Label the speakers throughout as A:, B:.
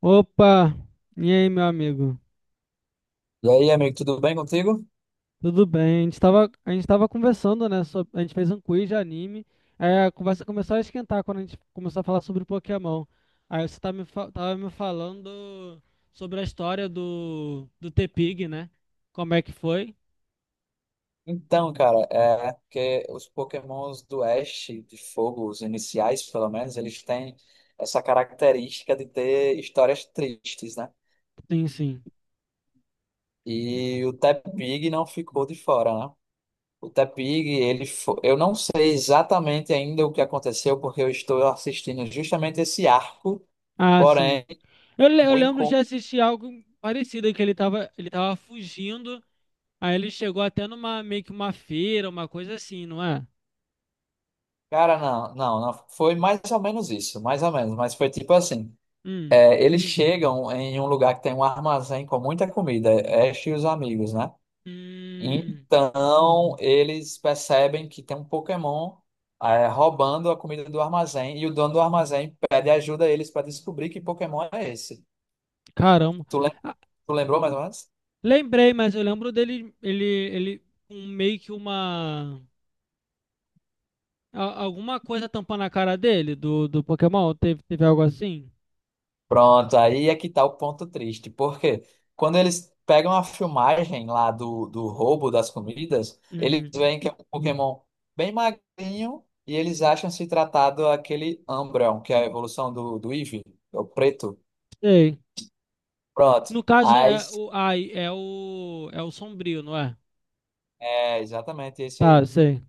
A: Opa! E aí, meu amigo?
B: E aí, amigo, tudo bem contigo?
A: Tudo bem? A gente tava conversando, né? A gente fez um quiz de anime. Aí a conversa começou a esquentar quando a gente começou a falar sobre Pokémon. Aí você tá me, fa- tava me falando sobre a história do T-Pig, né? Como é que foi?
B: Então, cara, é porque os Pokémons do Oeste de Fogo, os iniciais, pelo menos, eles têm essa característica de ter histórias tristes, né?
A: Sim, sim.
B: E o Tepig não ficou de fora, né? O Tepig, eu não sei exatamente ainda o que aconteceu, porque eu estou assistindo justamente esse arco,
A: Ah, sim.
B: porém,
A: Eu
B: o
A: lembro de
B: encontro.
A: assistir algo parecido, que ele tava fugindo, aí ele chegou até numa, meio que uma feira, uma coisa assim, não é?
B: Cara, não, não, não, foi mais ou menos isso, mais ou menos, mas foi tipo assim.
A: Hum.
B: É, eles chegam em um lugar que tem um armazém com muita comida, Ash e os amigos, né?
A: Hum.
B: Então eles percebem que tem um Pokémon é, roubando a comida do armazém e o dono do armazém pede ajuda a eles para descobrir que Pokémon é esse.
A: Caramba.
B: Tu, lem-
A: Ah,
B: tu lembrou mais ou menos?
A: lembrei, mas eu lembro dele, ele, um, meio que uma, a- alguma coisa tampando a cara dele, do Pokémon, teve algo assim?
B: Pronto, aí é que tá o ponto triste, porque quando eles pegam a filmagem lá do roubo das comidas, eles
A: Uhum.
B: veem que é um Pokémon bem magrinho e eles acham se tratado aquele Umbreon, que é a evolução do Eevee, é o preto.
A: Sei.
B: Pronto,
A: No caso,
B: aí,
A: é o, ai, é o, é o Sombrio, não é?
B: é exatamente esse
A: Tá,
B: aí.
A: sei.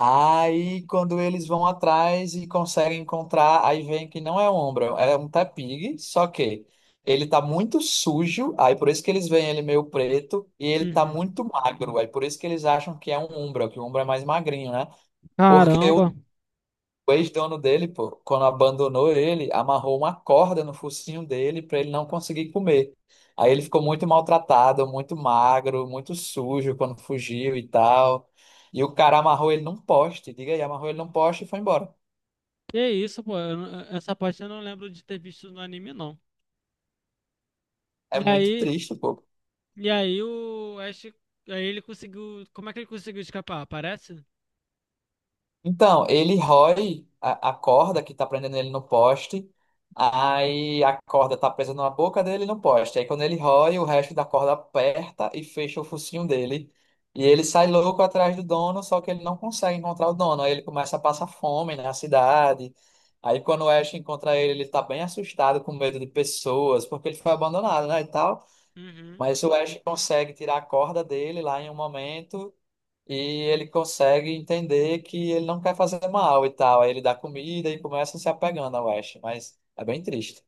B: Aí, quando eles vão atrás e conseguem encontrar, aí vem que não é um Umbra, é um tapig, só que ele tá muito sujo, aí por isso que eles veem ele meio preto, e ele tá
A: Uhum.
B: muito magro, aí por isso que eles acham que é um Umbra, que o Umbra é mais magrinho, né? Porque o
A: Caramba.
B: o ex-dono dele, pô, quando abandonou ele, amarrou uma corda no focinho dele para ele não conseguir comer. Aí ele ficou muito maltratado, muito magro, muito sujo quando fugiu e tal. E o cara amarrou ele num poste, diga aí, amarrou ele num poste e foi embora.
A: Que isso, pô, eu não- Essa parte eu não lembro de ter visto no anime, não. E
B: É muito
A: aí,
B: triste, pô.
A: e aí o Ash, aí ele conseguiu, como é que ele conseguiu escapar? Aparece?
B: Então, ele rói a corda que tá prendendo ele no poste, aí a corda tá presa na boca dele e no poste. Aí quando ele rói, o resto da corda aperta e fecha o focinho dele. E ele sai louco atrás do dono, só que ele não consegue encontrar o dono. Aí ele começa a passar fome na cidade. Aí quando o Ash encontra ele, ele tá bem assustado, com medo de pessoas, porque ele foi abandonado, né, e tal.
A: Uhum.
B: Mas o Ash consegue tirar a corda dele lá em um momento e ele consegue entender que ele não quer fazer mal e tal. Aí ele dá comida e começa a se apegando ao Ash, mas é bem triste.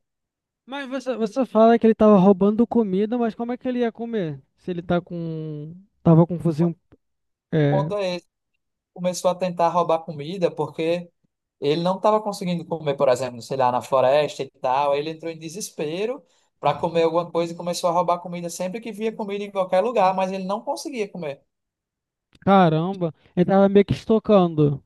A: Mas você fala que ele tava roubando comida, mas como é que ele ia comer? Se ele tá com. Tava com fuzil.
B: O
A: É...
B: ponto é esse, começou a tentar roubar comida porque ele não estava conseguindo comer, por exemplo, sei lá, na floresta e tal. Aí ele entrou em desespero para comer alguma coisa e começou a roubar comida sempre que via comida em qualquer lugar, mas ele não conseguia comer.
A: Caramba, ele tava meio que estocando.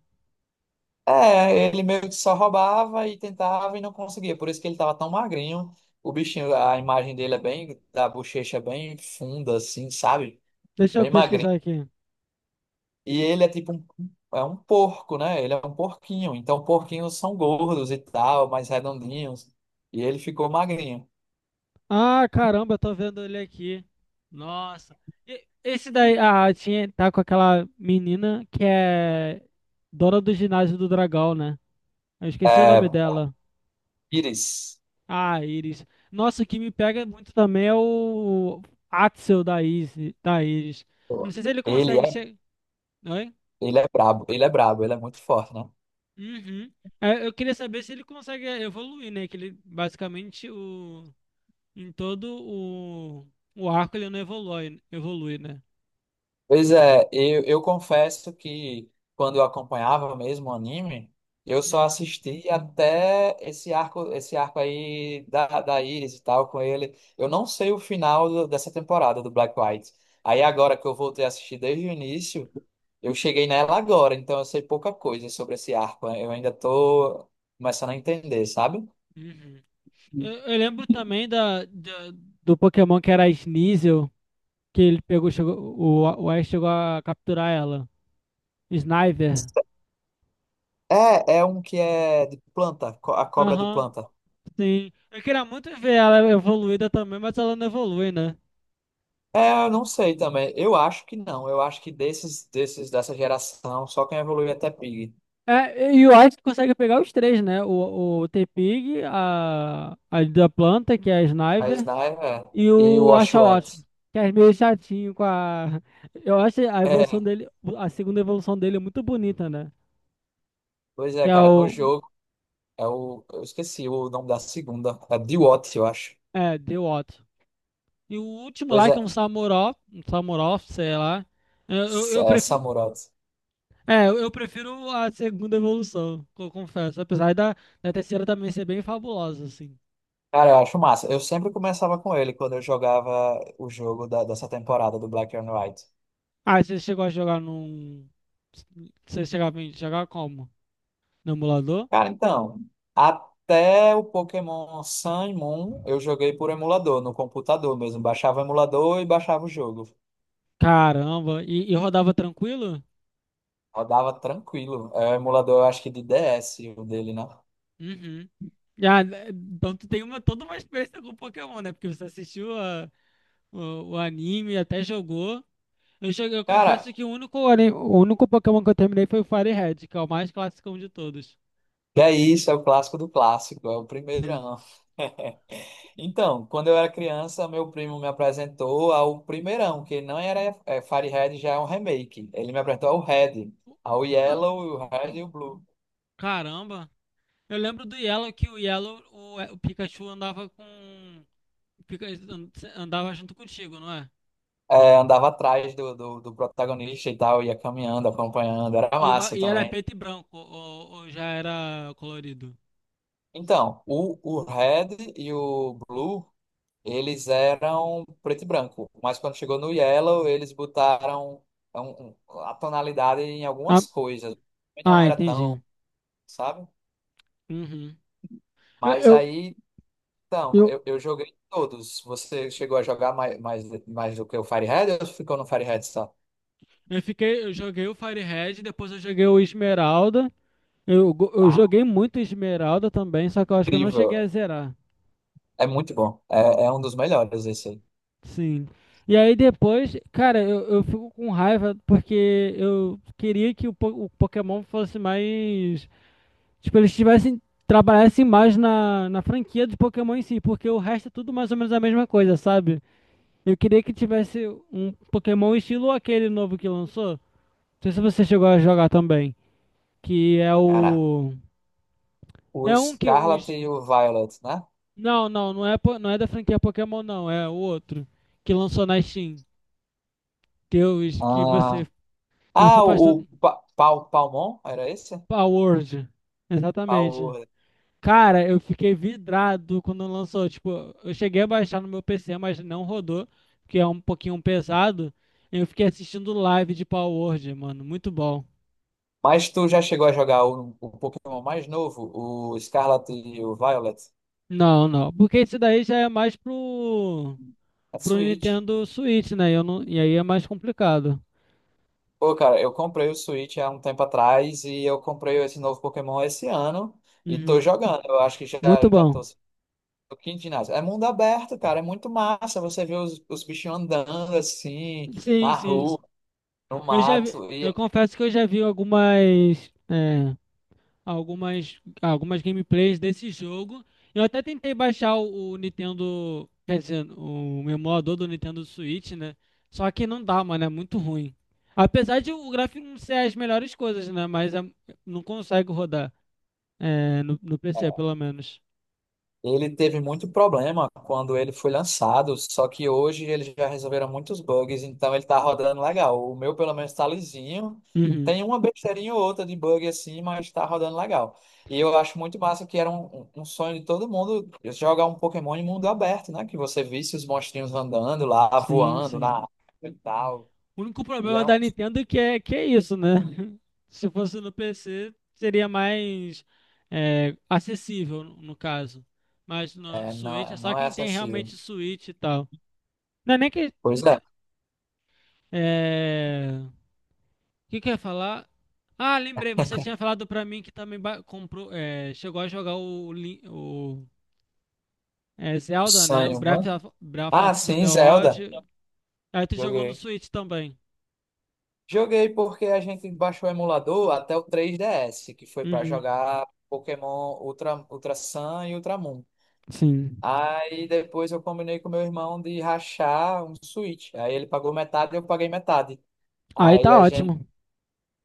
B: É, ele meio que só roubava e tentava e não conseguia. Por isso que ele tava tão magrinho. O bichinho, a imagem dele é bem, da bochecha é bem funda, assim, sabe?
A: Deixa eu
B: Bem magrinho.
A: pesquisar aqui.
B: E ele é tipo um, é um porco, né? Ele é um porquinho. Então, porquinhos são gordos e tal, mais redondinhos. E ele ficou magrinho.
A: Ah, caramba, eu tô vendo ele aqui. Nossa. E- esse daí. Ah, tinha, tá com aquela menina que é dona do ginásio do Dragão, né? Eu esqueci o
B: É,
A: nome dela.
B: Pires,
A: Ah, Iris. Nossa, o que me pega muito também é o Axel da Isis, da Iris. Eu não sei se ele
B: ele
A: consegue
B: é,
A: chegar. Oi?
B: ele é brabo, ele é brabo, ele é muito forte, né?
A: Uhum. É, eu queria saber se ele consegue evoluir, né? Que ele basicamente o... em todo o arco ele não evolui, evolui, né?
B: Pois é, eu confesso que quando eu acompanhava mesmo o anime, eu só
A: Uhum.
B: assisti até esse arco aí da Iris e tal com ele. Eu não sei o final dessa temporada do Black White. Aí agora que eu voltei a assistir desde o início, eu cheguei nela agora, então eu sei pouca coisa sobre esse arco. Eu ainda tô começando a entender, sabe?
A: Uhum. Eu lembro também do Pokémon que era a Sneasel, que ele pegou, chegou, o Ash chegou a capturar ela. Sniper.
B: É, é um que é de planta, a cobra de
A: Aham.
B: planta.
A: Sim. Eu queria muito ver ela evoluída também, mas ela não evolui, né?
B: É, eu não sei também. Eu acho que não. Eu acho que desses, desses dessa geração, só quem evolui até Pig.
A: É, e o White consegue pegar os três, né? O T-Pig, a da planta, que é a
B: A
A: Sniper,
B: Sniper é.
A: e
B: E o
A: o Oshawott,
B: Oshawott.
A: que é meio chatinho com a. Eu acho a evolução
B: É,
A: dele, a segunda evolução dele é muito bonita, né?
B: pois
A: Que
B: é,
A: é
B: cara,
A: o.
B: no jogo é o. Eu esqueci o nome da segunda. É Diwatt, eu acho.
A: É, The Watt. E o último
B: Pois
A: lá,
B: é,
A: que é um Samurott, sei lá. Eu, eu, eu
B: É
A: prefiro,
B: Samurott.
A: eu prefiro a segunda evolução, confesso. Apesar da terceira também ser bem fabulosa, assim.
B: Cara, eu acho massa. Eu sempre começava com ele quando eu jogava o jogo dessa temporada do Black and White.
A: Ah, você chegou a jogar num. Você chegava a jogar como? No emulador?
B: Cara, então, até o Pokémon Sun e Moon eu joguei por emulador, no computador mesmo. Baixava o emulador e baixava o jogo.
A: Caramba, e rodava tranquilo?
B: Rodava tranquilo. É o emulador, eu acho que de DS, o dele, né?
A: Uhum. Ah, né, então tu tem uma, toda uma experiência com Pokémon, né? Porque você assistiu o anime, até jogou. Eu
B: Cara,
A: confesso que o único Pokémon que eu terminei foi o Fire Red, que é o mais clássico de todos.
B: que é isso, é o clássico do clássico, é o
A: Sim.
B: primeirão. Então, quando eu era criança, meu primo me apresentou ao primeirão, que não era é, Fire Red, já é um remake. Ele me apresentou ao Red, ao
A: Ah,
B: Yellow, o Red e o Blue.
A: caramba! Eu lembro do Yellow que o Yellow, o Pikachu andava com. o Pika- Andava junto contigo, não é?
B: É, andava atrás do protagonista e tal, ia caminhando, acompanhando, era
A: E,
B: massa
A: e era
B: também.
A: preto e branco, ou já era colorido?
B: Então, o Red e o Blue, eles eram preto e branco, mas quando chegou no Yellow, eles botaram a tonalidade em
A: Ah,
B: algumas coisas, e não
A: ah,
B: era tão,
A: entendi.
B: sabe?
A: Uhum. Eu,
B: Mas
A: eu,
B: aí, então,
A: eu,
B: eu joguei todos. Você chegou a jogar mais, mais, mais do que o Fire Red ou ficou no Fire Red só?
A: eu joguei o Fire Red, depois eu joguei o Esmeralda. Eu
B: Ah,
A: joguei muito Esmeralda também, só que eu acho que eu não cheguei
B: incrível,
A: a zerar.
B: é muito bom, é, é um dos melhores esse aí.
A: Sim. E aí depois, cara, eu fico com raiva porque eu queria que o Pokémon fosse mais. Tipo, eles tivessem, trabalhassem mais na franquia de Pokémon em si, porque o resto é tudo mais ou menos a mesma coisa, sabe? Eu queria que tivesse um Pokémon estilo aquele novo que lançou. Não sei se você chegou a jogar também. Que é
B: Cara,
A: o.
B: o
A: É um que
B: Scarlet
A: os.
B: e o Violet, né?
A: Não é, não é da franquia Pokémon, não. É o outro. Que lançou na Steam. Que, é os, que você.
B: Ah,
A: Que você
B: ah
A: faz
B: o
A: tudo.
B: Pal, Palmon, era esse?
A: Power World. Exatamente.
B: Pal.
A: Cara, eu fiquei vidrado quando lançou. Tipo, eu cheguei a baixar no meu PC, mas não rodou, porque é um pouquinho pesado. Eu fiquei assistindo live de Power Word, mano. Muito bom.
B: Mas tu já chegou a jogar o Pokémon mais novo, o Scarlet e o Violet?
A: Não, não. Porque esse daí já é mais pro,
B: É
A: pro
B: Switch.
A: Nintendo Switch, né? Eu não, e aí é mais complicado.
B: Pô, cara, eu comprei o Switch há um tempo atrás e eu comprei esse novo Pokémon esse ano e tô
A: Uhum.
B: jogando. Eu acho que já,
A: Muito
B: já tô
A: bom.
B: no quinto ginásio. É mundo aberto, cara, é muito massa. Você vê os bichinhos andando assim,
A: Sim,
B: na
A: sim.
B: rua, no
A: Eu já vi,
B: mato.
A: eu
B: E
A: confesso que eu já vi algumas. É, algumas, algumas gameplays desse jogo. Eu até tentei baixar o Nintendo, quer dizer, o emulador do Nintendo Switch, né? Só que não dá, mano, é muito ruim. Apesar de o gráfico não ser as melhores coisas, né? Mas é- não consegue rodar, é, no PC,
B: é.
A: pelo menos.
B: Ele teve muito problema quando ele foi lançado, só que hoje eles já resolveram muitos bugs, então ele tá rodando legal. O meu, pelo menos, tá lisinho.
A: Uhum.
B: Tem uma besteirinha ou outra de bug assim, mas tá rodando legal. E eu acho muito massa que era um, um sonho de todo mundo jogar um Pokémon em mundo aberto, né? Que você visse os monstrinhos andando lá,
A: Sim,
B: voando na
A: sim.
B: água e tal.
A: O único
B: E é,
A: problema
B: um-
A: da Nintendo é que é que é isso, né? Se fosse no PC, seria mais é, acessível, no caso. Mas no Switch é
B: não,
A: só
B: não é
A: quem tem
B: acessível.
A: realmente Switch e tal. Não é nem que.
B: Pois é,
A: É... é, o que que eu ia falar? Ah, lembrei, você tinha falado pra mim que também comprou, é, chegou a jogar o, é,
B: o
A: Zelda, né? O
B: sonho, né?
A: Breath
B: Ah,
A: of the
B: sim,
A: the
B: Zelda.
A: Wild. Aí tu jogou no
B: Joguei.
A: Switch também.
B: Joguei porque a gente baixou o emulador até o 3DS, que foi para
A: Uhum,
B: jogar Pokémon Ultra, Ultra Sun e Ultra Moon.
A: sim.
B: Aí depois eu combinei com meu irmão de rachar um Switch. Aí ele pagou metade e eu paguei metade.
A: Aí
B: Aí
A: tá
B: a gente
A: ótimo.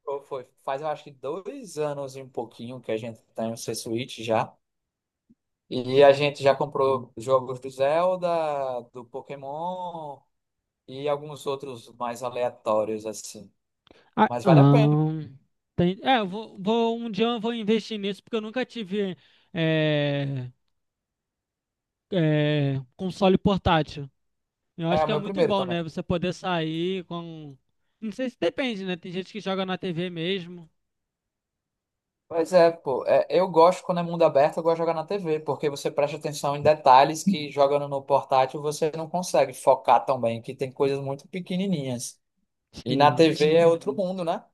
B: pô, foi, faz eu acho que 2 anos e um pouquinho que a gente tem o seu Switch já. E a gente já comprou jogos do Zelda, do Pokémon e alguns outros mais aleatórios assim.
A: Ah,
B: Mas vale a pena.
A: é, um dia eu vou investir nisso porque eu nunca tive é, é, console portátil. Eu
B: É
A: acho
B: o
A: que é
B: meu
A: muito
B: primeiro
A: bom,
B: também.
A: né? Você poder sair com. Não sei se depende, né? Tem gente que joga na TV mesmo.
B: Pois é, pô. É, eu gosto quando é mundo aberto, eu gosto de jogar na TV, porque você presta atenção em detalhes que jogando no portátil você não consegue focar tão bem, que tem coisas muito pequenininhas. E na
A: Sim,
B: TV é outro mundo, né?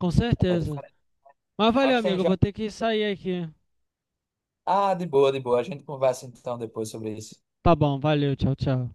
A: com
B: É
A: certeza.
B: diferente.
A: Mas valeu,
B: Mas tem
A: amigo. Eu vou ter
B: jogos.
A: que sair aqui.
B: Ah, de boa, de boa. A gente conversa então depois sobre isso.
A: Tá bom, valeu. Tchau, tchau.